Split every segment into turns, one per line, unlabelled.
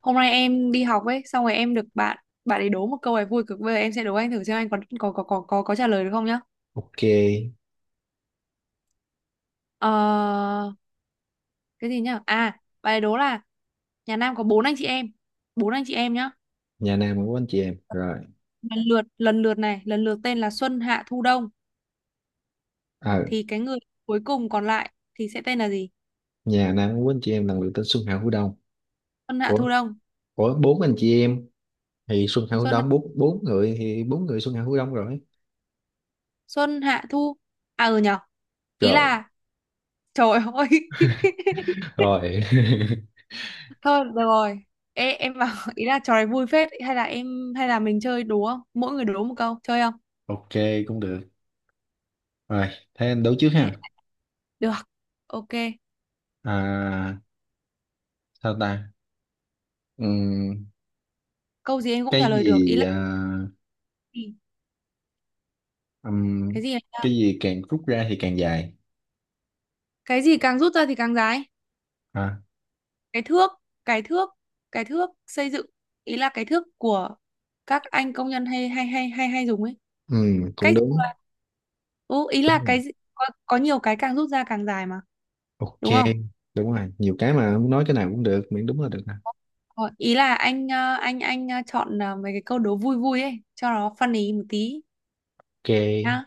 Hôm nay em đi học ấy, xong rồi em được bạn bạn ấy đố một câu này vui cực. Bây giờ em sẽ đố anh thử xem anh có trả lời được không nhá.
Ok,
ờ, cái gì nhá, à, bạn ấy đố là nhà Nam có bốn anh chị em, bốn anh chị em nhá.
nhà Nam của anh chị em rồi.
Lần lượt tên là Xuân Hạ Thu Đông,
Ờ,
thì cái người cuối cùng còn lại thì sẽ tên là gì?
nhà Nam của anh chị em là người tên Xuân Hạ Hữu Đông.
Xuân Hạ
Của
Thu Đông.
của bốn anh chị em thì Xuân Hạ Hữu
Xuân
Đông, bốn bốn người thì bốn người Xuân Hạ Hữu Đông rồi.
Xuân Hạ Thu, à ừ nhở. Ý
Rồi.
là trời ơi.
Rồi.
Thôi được rồi. Ê, em bảo, ý là trò này vui phết, hay là mình chơi đố không? Mỗi người đố một câu, chơi không?
Ok, cũng được. Rồi, thế anh đấu trước
Thế-
ha.
Được. Ok.
À, sao ta? Ừm,
Câu gì em cũng trả
cái
lời được. Ý
gì
là
à,
cái gì?
ừm,
Cái gì này nhá?
cái gì càng rút ra thì càng dài.
Cái gì càng rút ra thì càng dài?
À,
Cái thước, cái thước, cái thước xây dựng. Ý là cái thước của các anh công nhân hay hay hay hay hay dùng ấy.
ừ, cũng
Cách
đúng.
ừ, ý
Đúng
là
rồi.
cái gì? Có nhiều cái càng rút ra càng dài mà,
Ok,
đúng không?
đúng rồi. Nhiều cái mà muốn nói cái nào cũng được, miễn đúng là được nè.
Ờ, ý là anh chọn mấy cái câu đố vui vui ấy cho nó funny một tí
Ok,
nhá.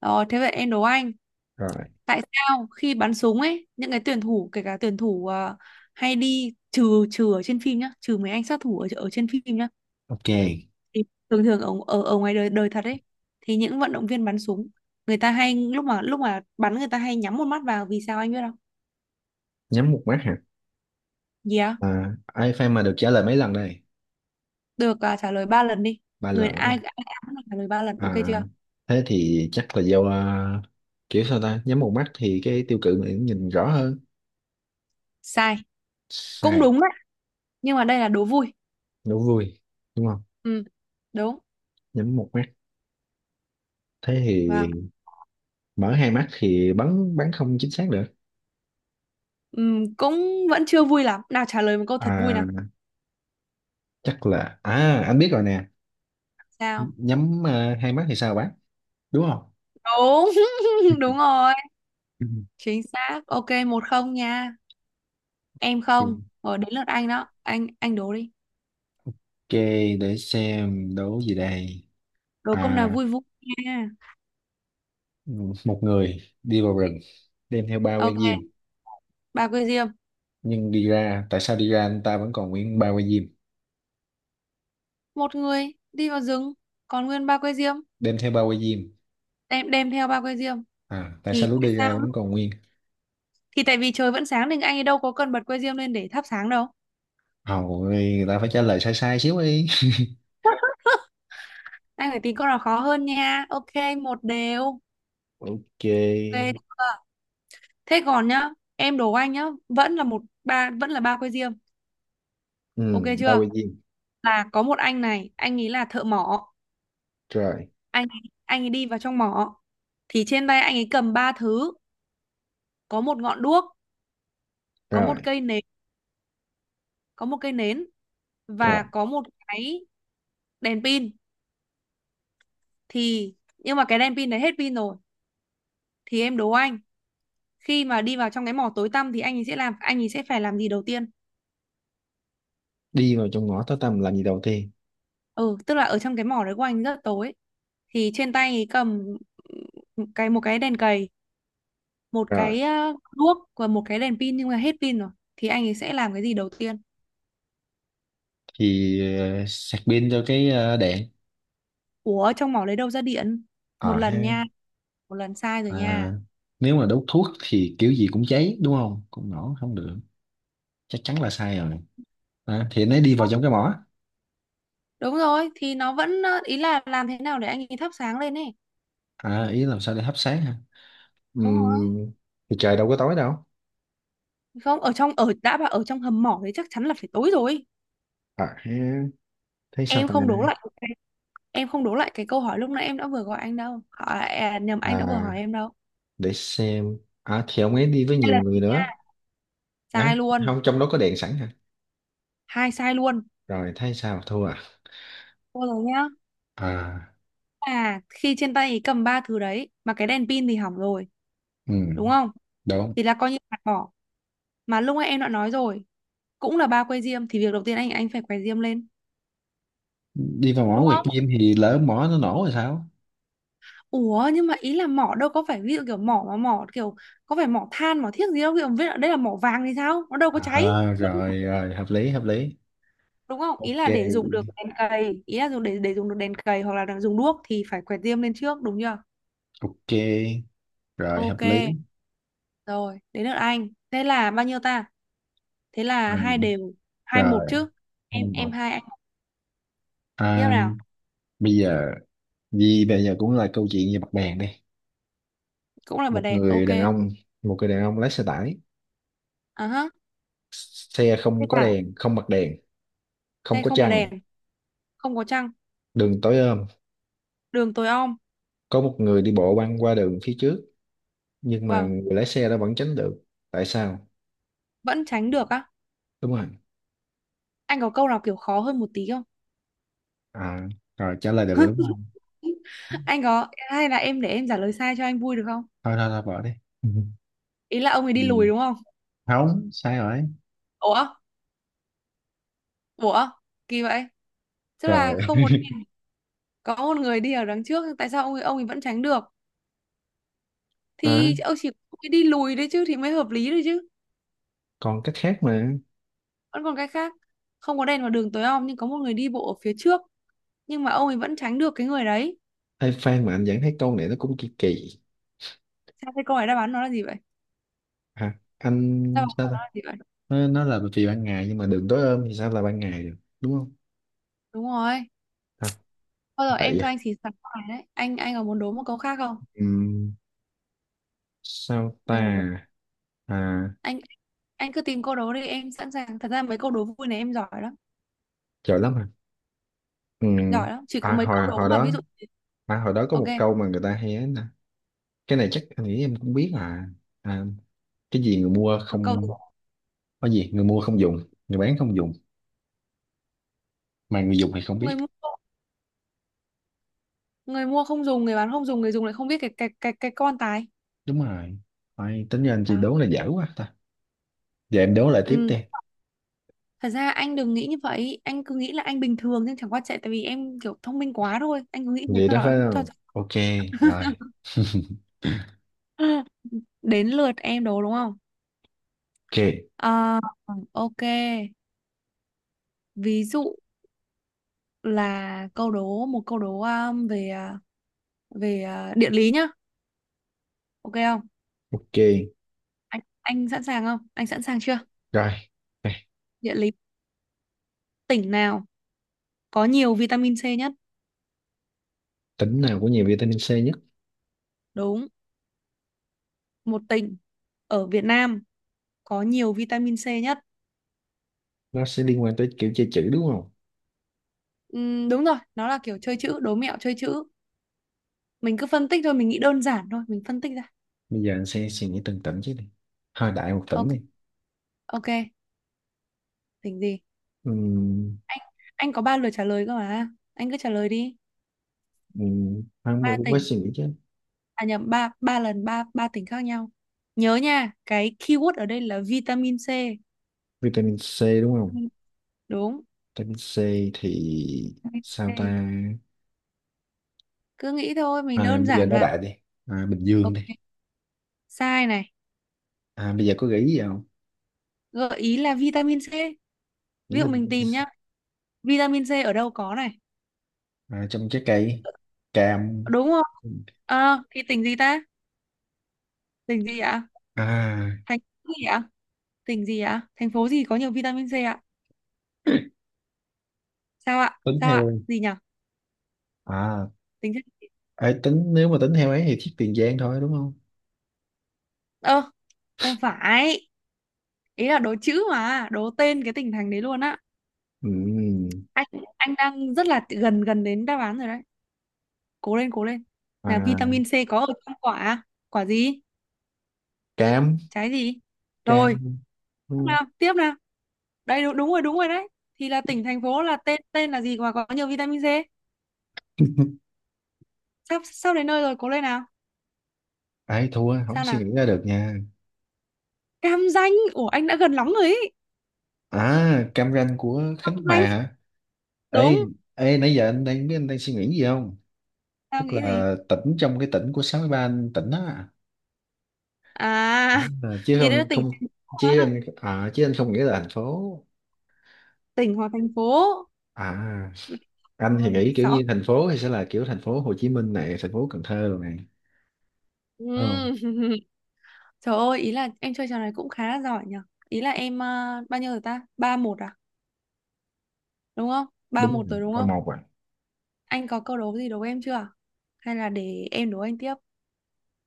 Rồi thế vậy em đố anh,
rồi.
tại sao khi bắn súng ấy những cái tuyển thủ, kể cả tuyển thủ hay đi trừ trừ ở trên phim nhá, trừ mấy anh sát thủ ở trên phim nhá,
Ok,
thì thường thường ở, ở ở ngoài đời đời thật ấy, thì những vận động viên bắn súng, người ta hay lúc mà bắn người ta hay nhắm một mắt vào, vì sao anh biết không?
nhắm một mắt hả?
Gì á?
À, ai fan mà được trả lời mấy lần đây?
Được trả lời ba lần đi.
Ba
Người
lần đúng
ai
không?
ai ai cũng được trả lời 3 lần, ok
À,
chưa?
thế thì chắc là do à, kiểu sao ta? Nhắm một mắt thì cái tiêu cự mình nhìn rõ hơn.
Sai. Cũng
Sai,
đúng nhưng mà đây là đố vui.
đố vui, đúng không?
Ừ, đúng.
Nhắm một mắt. Thế thì
Vâng.
mở hai mắt thì bắn bắn không chính xác được.
Ừ, cũng vẫn chưa vui lắm, nào trả lời một câu thật vui
À,
nào.
chắc là à anh biết rồi nè.
Sao?
Nhắm à, hai mắt thì sao bắn? Đúng không?
Đúng. Đúng rồi. Chính xác, ok, 1-0 nha. Em
Ừ.
không, rồi đến lượt anh đó, anh đố đi.
Ok, để xem đố gì đây.
Đố câu nào
À,
vui vui nha.
ừ, một người đi vào rừng đem theo ba que diêm,
Ok, ba que diêm.
nhưng đi ra tại sao đi ra anh ta vẫn còn nguyên ba que diêm,
Một người đi vào rừng, còn nguyên ba que diêm.
đem theo ba que diêm,
Đem đem theo ba que diêm.
à tại sao
Thì
lúc
tại
đi ra
sao?
vẫn còn nguyên.
Thì tại vì trời vẫn sáng nên anh ấy đâu có cần bật que diêm lên để thắp sáng đâu.
Hầu người ta phải trả lời sai sai xíu đi.
Anh phải tìm câu nào khó hơn nha. Ok, một đều.
Ok,
Ok chưa? Thế còn nhá, em đố anh nhá, vẫn là ba que diêm,
ừ,
ok
ba
chưa?
que diêm.
Là có một anh này, anh ấy là thợ mỏ,
rồi
anh anh ấy đi vào trong mỏ, thì trên tay anh ấy cầm ba thứ, có một ngọn đuốc, có
rồi
một cây nến, có một cây nến,
rồi
và có một cái đèn pin. Thì nhưng mà cái đèn pin đấy hết pin rồi, thì em đố anh, khi mà đi vào trong cái mỏ tối tăm thì anh ấy sẽ làm, anh ấy sẽ phải làm gì đầu tiên?
Đi vào trong ngõ tối tăm làm gì đầu tiên?
Ừ, tức là ở trong cái mỏ đấy của anh rất tối, thì trên tay ấy cầm một cái đèn cầy, một
Rồi,
cái đuốc, và một cái đèn pin nhưng mà hết pin rồi, thì anh ấy sẽ làm cái gì đầu tiên?
thì ờ, sạc pin cho cái ờ, đèn.
Ủa trong mỏ lấy đâu ra điện?
À,
Một lần nha,
ha.
một lần sai rồi
À,
nha.
nếu mà đốt thuốc thì kiểu gì cũng cháy đúng không, cũng nổ không được, chắc chắn là sai rồi. À, thì anh ấy đi vào trong cái mỏ.
Đúng rồi, thì nó vẫn ý là làm thế nào để anh ấy thắp sáng lên ấy.
À ý làm sao để hấp sáng hả?
Đúng rồi.
Ừm, thì trời đâu có tối đâu.
Không, ở trong ở đã bảo ở trong hầm mỏ thì chắc chắn là phải tối rồi.
À, thế thế sao
Em
ta?
không đố lại cái- em không đố lại cái câu hỏi lúc nãy em đã vừa gọi anh đâu hỏi à, nhầm anh đã vừa hỏi
À
em đâu.
để xem, à thì ông ấy đi với
Hai
nhiều
lần
người nữa.
sai
À
luôn,
không, trong đó có đèn sẵn hả?
hai sai luôn.
Rồi thấy sao thua à?
Thôi rồi nhá,
À,
là khi trên tay cầm ba thứ đấy mà cái đèn pin thì hỏng rồi,
ừ,
đúng không?
đúng.
Thì là coi như phạt bỏ, mà lúc nãy em đã nói rồi, cũng là ba que diêm thì việc đầu tiên anh phải quay diêm lên,
Đi vào mỏ
đúng
quẹt
không?
diêm thì lỡ mỏ nó nổ rồi sao?
Ủa nhưng mà ý là mỏ đâu có phải ví dụ kiểu mỏ mà mỏ kiểu, có phải mỏ than mỏ thiếc gì đâu, kiểu biết là đây là mỏ vàng thì sao, nó đâu có cháy.
À
Đúng,
rồi rồi, hợp lý hợp lý.
đúng không, ý
Ok,
là để dùng được đèn cầy, ý là dùng để dùng được đèn cầy hoặc là dùng đuốc thì phải quẹt diêm lên trước, đúng chưa?
ok, rồi
Ok,
hợp lý.
rồi đến lượt anh, thế là bao nhiêu ta? Thế
Ừ.
là hai đều. 2-1
Rồi
chứ, em
thêm
em
một.
hai anh một. Tiếp
À,
nào.
bây giờ gì bây giờ cũng là câu chuyện về mặt bàn đi.
Cũng là bật
một
đèn, ok.
người đàn ông một người đàn ông lái xe tải,
À hả?
xe
Xe
không có
tải.
đèn, không bật đèn, không
Xe
có
không bật
trăng,
đèn, không có trăng,
đường tối om,
đường tối om.
có một người đi bộ băng qua đường phía trước, nhưng mà
Vâng.
người lái xe đó vẫn tránh được. Tại sao?
Vẫn tránh được á?
Đúng rồi.
Anh có câu nào kiểu khó hơn một tí không?
À rồi, trả lời được rồi đúng không?
Anh có, hay là em để em trả lời sai cho anh vui được không?
Thôi thôi thôi bỏ đi. Ừ.
Ý là ông ấy
Ừ.
đi lùi đúng không?
Không, sai rồi.
Ủa, ủa kỳ vậy, tức là
Trời.
không có đèn, có một người đi ở đằng trước, tại sao ông ấy vẫn tránh được,
À,
thì ông ấy đi lùi đấy chứ thì mới hợp lý đấy chứ.
còn cách khác mà.
Vẫn còn cái khác? Không có đèn, vào đường tối om, nhưng có một người đi bộ ở phía trước, nhưng mà ông ấy vẫn tránh được cái người đấy.
Ê, Phan mà anh vẫn thấy câu này nó cũng kỳ kỳ.
Sao thế, câu hỏi đáp án nó là gì vậy?
Hả
Đáp
anh
án
sao
của
ta?
nó là gì vậy?
Nó là vì ban ngày, nhưng mà đường tối om thì sao là ban ngày được đúng không?
Đúng rồi.
À,
Thôi rồi,
vậy.
em cho anh xì xào câu này đấy, anh có muốn đố một câu khác không?
À, sao
Anh muốn đố?
ta? À,
anh anh cứ tìm câu đố đi, em sẵn sàng, thật ra mấy câu đố vui này em giỏi lắm.
giỏi lắm à? Ừ.
Giỏi lắm, chỉ có
À
mấy câu
hồi
đố
hồi
mà ví
đó,
dụ.
à hồi đó có
Ok.
một câu mà người ta hay ấy nè. Cái này chắc anh nghĩ em cũng biết à. À cái gì người mua
Câu
không, có gì người mua không dùng, người bán không dùng, mà người dùng thì không biết.
người mua, người mua không dùng, người bán không dùng, người dùng lại không biết, cái con tài.
Đúng rồi. Ai, tính ra anh chị
Đó.
đố là dở quá ta. Giờ em đố lại tiếp
Ừ.
đi.
Thật ra anh đừng nghĩ như vậy, anh cứ nghĩ là anh bình thường, nhưng chẳng qua chạy tại vì em kiểu thông minh quá thôi, anh cứ nghĩ thế
Vậy
cho
đó
nó
phải
cho.
không? Ok, rồi.
Đến lượt em đố đúng không?
Ok,
Ờ, ok. Ví dụ là câu đố một câu đố về về à, địa lý nhá, ok không?
ok,
Anh sẵn sàng không? Anh sẵn sàng chưa?
rồi. Đây,
Địa lý, tỉnh nào có nhiều vitamin C nhất?
tính nào có nhiều vitamin C nhất?
Đúng, một tỉnh ở Việt Nam có nhiều vitamin C nhất.
Nó sẽ liên quan tới kiểu chơi chữ đúng không?
Đúng rồi, nó là kiểu chơi chữ, đố mẹo chơi chữ. Mình cứ phân tích thôi, mình nghĩ đơn giản thôi, mình phân tích ra.
Bây giờ anh sẽ suy nghĩ từng tỉnh chứ đi, hơi đại một tỉnh
Ok.
đi.
Ok, tỉnh gì?
Ừm,
Anh anh có 3 lượt trả lời cơ mà, anh cứ trả lời đi.
không,
Ba
mình cũng phải
tỉnh
suy nghĩ chứ.
à nhầm ba Ba lần, ba ba tỉnh khác nhau, nhớ nha, cái keyword ở đây là vitamin C.
Vitamin C đúng không?
Vitamin- Đúng,
Vitamin C, thì
vitamin
sao ta?
C. Cứ nghĩ thôi, mình
À,
đơn
bây giờ
giản
nói
là,
đại đi. À, Bình Dương đi.
ok. Sai này.
À, bây giờ có gợi ý gì không?
Gợi ý là vitamin C, ví
Nghĩ
dụ
là
mình
vitamin
tìm
C.
nhá, vitamin C ở đâu có này,
À, trong trái cây, cam.
đúng không? Ờ thì tỉnh gì ta, tỉnh gì ạ,
À
thành phố gì ạ? Tỉnh gì ạ? Thành phố gì có nhiều vitamin C ạ? Sao ạ?
tính
Sao ạ?
theo,
Gì nhỉ?
à
Tính chất... gì?
ấy tính nếu mà tính theo ấy thì thiết Tiền Giang thôi đúng không?
Ơ, không phải. Ý là đố chữ mà, đố tên cái tỉnh thành đấy luôn á.
Ừm,
Anh anh đang rất là gần gần đến đáp án rồi đấy. Cố lên, cố lên. Là
à
vitamin C có ở trong quả à? Quả gì?
cam,
Trái gì?
cam
Rồi, tiếp
đúng
nào, tiếp nào. Đây đúng, đúng rồi đấy. Thì là tỉnh thành phố, là tên tên là gì mà có nhiều vitamin C?
không?
Sắp sắp đến nơi rồi, cố lên nào.
Ai thua không
Sao
suy
nào?
nghĩ ra được nha.
Cam Ranh. Ủa anh đã gần lắm rồi ý.
À cam ranh của
Cam
Khánh Hòa
Ranh.
hả? Ê,
Đúng.
ê nãy giờ anh đang biết anh đang suy nghĩ gì không?
Tao
Tức
nghĩ gì?
là tỉnh trong cái tỉnh của 63 anh tỉnh á.
À
À, chứ
thì đấy là
không
tỉnh
không,
thành phố
chứ
á.
anh à, chứ anh không nghĩ là thành phố.
Tỉnh hoặc thành phố.
À anh thì
Ôi,
nghĩ kiểu
sợ.
như thành phố thì sẽ là kiểu thành phố Hồ Chí Minh này, thành phố Cần Thơ rồi này. Đúng không?
Ừm. Trời ơi, ý là em chơi trò này cũng khá là giỏi nhở. Ý là em bao nhiêu rồi ta, 3-1 à, đúng không? ba
Đúng rồi.
một rồi đúng
Ba
không?
một à?
Anh có câu đố gì đố em chưa, hay là để em đố anh tiếp?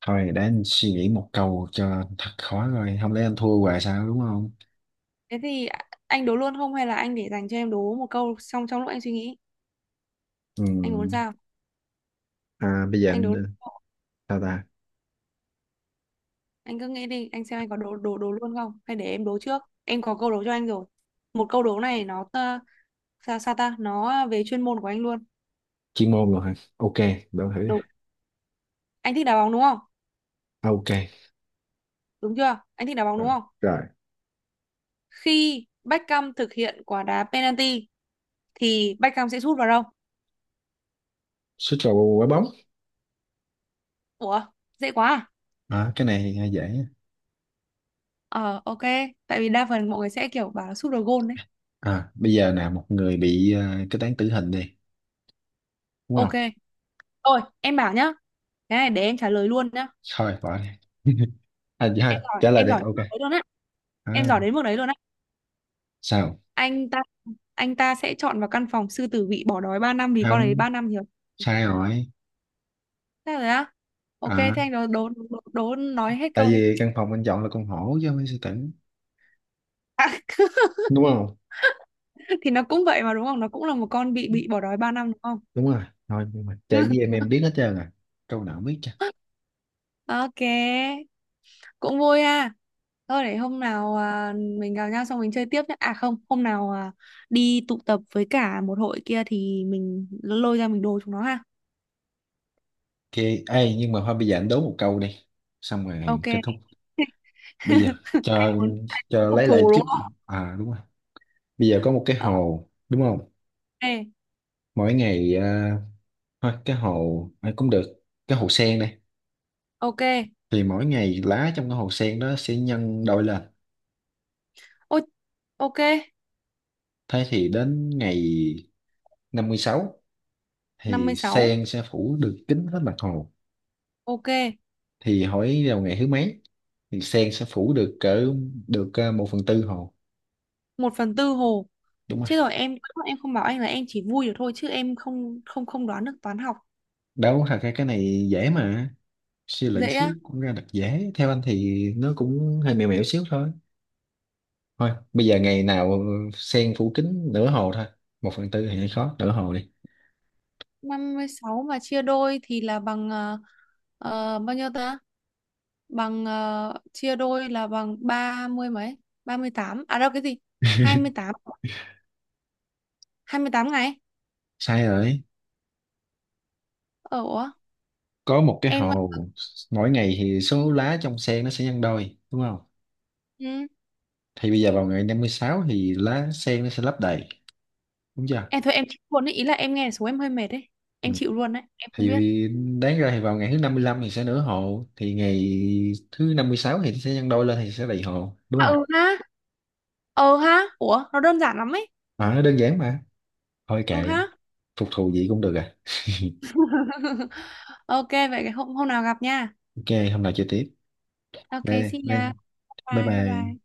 Thôi để anh suy nghĩ một câu cho thật khó, rồi không lẽ anh thua hoài sao đúng không?
thế thì a- anh đố luôn không hay là anh để dành cho em đố một câu xong trong lúc anh suy nghĩ?
Ừ.
Anh muốn sao?
À, bây giờ
Anh đố
anh
luôn không?
sao ta?
Anh cứ nghĩ đi, anh xem anh có đố đố đố luôn không, hay để em đố trước, em có câu đố cho anh rồi. Một câu đố này nó sao sao ta, nó về chuyên môn của anh luôn.
Chuyên môn rồi hả? Ok, để thử đi.
Đúng, anh thích đá bóng đúng không?
À, ok,
Đúng chưa, anh thích đá bóng đúng
rồi.
không?
Rồi.
Khi Beckham thực hiện quả đá penalty thì Beckham sẽ sút vào đâu?
Suýt vào quả bóng.
Ủa, dễ quá à.
À, cái này nghe dễ á.
Ờ ok, tại vì đa phần mọi người sẽ kiểu bảo là sút vào gôn đấy.
À, bây giờ nè một người bị ờ, kết án tử hình đi, đúng
Ok,
không?
thôi em bảo nhá, cái này để em trả lời luôn nhá.
Thôi bỏ đi. À, dạ,
Em
thôi,
giỏi,
trả lời
em
đi.
giỏi đến
Ok.
mức đấy luôn á. Em
À,
giỏi đến mức đấy luôn á.
sao?
anh ta anh ta sẽ chọn vào căn phòng sư tử bị bỏ đói 3 năm, vì con ấy
Không,
3 năm nhiều.
sai rồi.
Thế rồi á, ok thế
À,
anh đố đố nói hết
tại
câu đi.
vì căn phòng anh chọn là con hổ chứ không phải sư tử, đúng không?
Thì nó cũng vậy mà, đúng không? Nó cũng là một con bị bỏ đói 3 năm đúng không?
Đúng rồi. Thôi nhưng mà chơi với em biết hết trơn à. Câu nào cũng biết chứ.
Ok, cũng vui ha. Thôi để hôm nào mình gặp nhau xong mình chơi tiếp nhé. À không, hôm nào đi tụ tập với cả một hội kia thì mình lôi ra mình đồ chúng nó ha.
Ok, ê, nhưng mà thôi bây giờ anh đố một câu đi, xong rồi
Ok.
kết thúc. Bây giờ cho
Muốn
cho
phục
lấy lại
thù đúng
chút.
không?
À đúng rồi. Bây giờ có một cái hồ đúng không,
Ok,
mỗi ngày à, thôi cái hồ à, cũng được, cái hồ sen này,
ok.
thì mỗi ngày lá trong cái hồ sen đó sẽ nhân đôi lên.
Ôi, ok,
Thế thì đến ngày 56
năm
thì
mươi sáu
sen sẽ phủ được kín hết mặt hồ,
Ok,
thì hỏi vào ngày thứ mấy thì sen sẽ phủ được cỡ được à, 1/4 hồ.
1/4 hồ.
Đúng rồi.
Chứ rồi em không bảo anh là em chỉ vui được thôi, chứ em không không không đoán được toán học.
Đâu thật ra cái này dễ mà, suy luận
Dễ á.
xíu cũng ra được dễ, theo anh thì nó cũng hơi mèo mẻo xíu thôi. Thôi bây giờ ngày nào sen phủ kính nửa hồ thôi, 1/4 thì hơi khó, nửa hồ đi.
56 mà chia đôi thì là bằng bao nhiêu ta? Bằng chia đôi là bằng 30 mấy? 38? À đâu cái gì? Hai 28? 28 ngày.
Sai rồi.
Ờ ủa,
Có một cái
em
hồ, mỗi ngày thì số lá trong sen nó sẽ nhân đôi đúng không,
ừ,
thì bây giờ vào ngày 56 thì lá sen nó sẽ lấp đầy, đúng chưa?
em thôi em chịu luôn đấy, ý là em nghe số em hơi mệt đấy.
Ừ.
Em chịu luôn đấy, em không
Thì
biết.
đáng ra thì vào ngày thứ 55 thì sẽ nửa hồ, thì ngày thứ 56 thì sẽ nhân đôi lên thì sẽ đầy hồ đúng
À,
không?
ừ ha. Ừ ha. Ủa, nó đơn giản lắm ấy.
À, đơn giản mà. Thôi
Ừ
kệ,
ha.
phục thù gì cũng được à.
Ok vậy hôm hôm nào gặp nha.
Ok, hôm nào chơi tiếp.
Ok,
Bye,
xin
bye,
nha.
bye
Bye bye bye. Bye.
bye.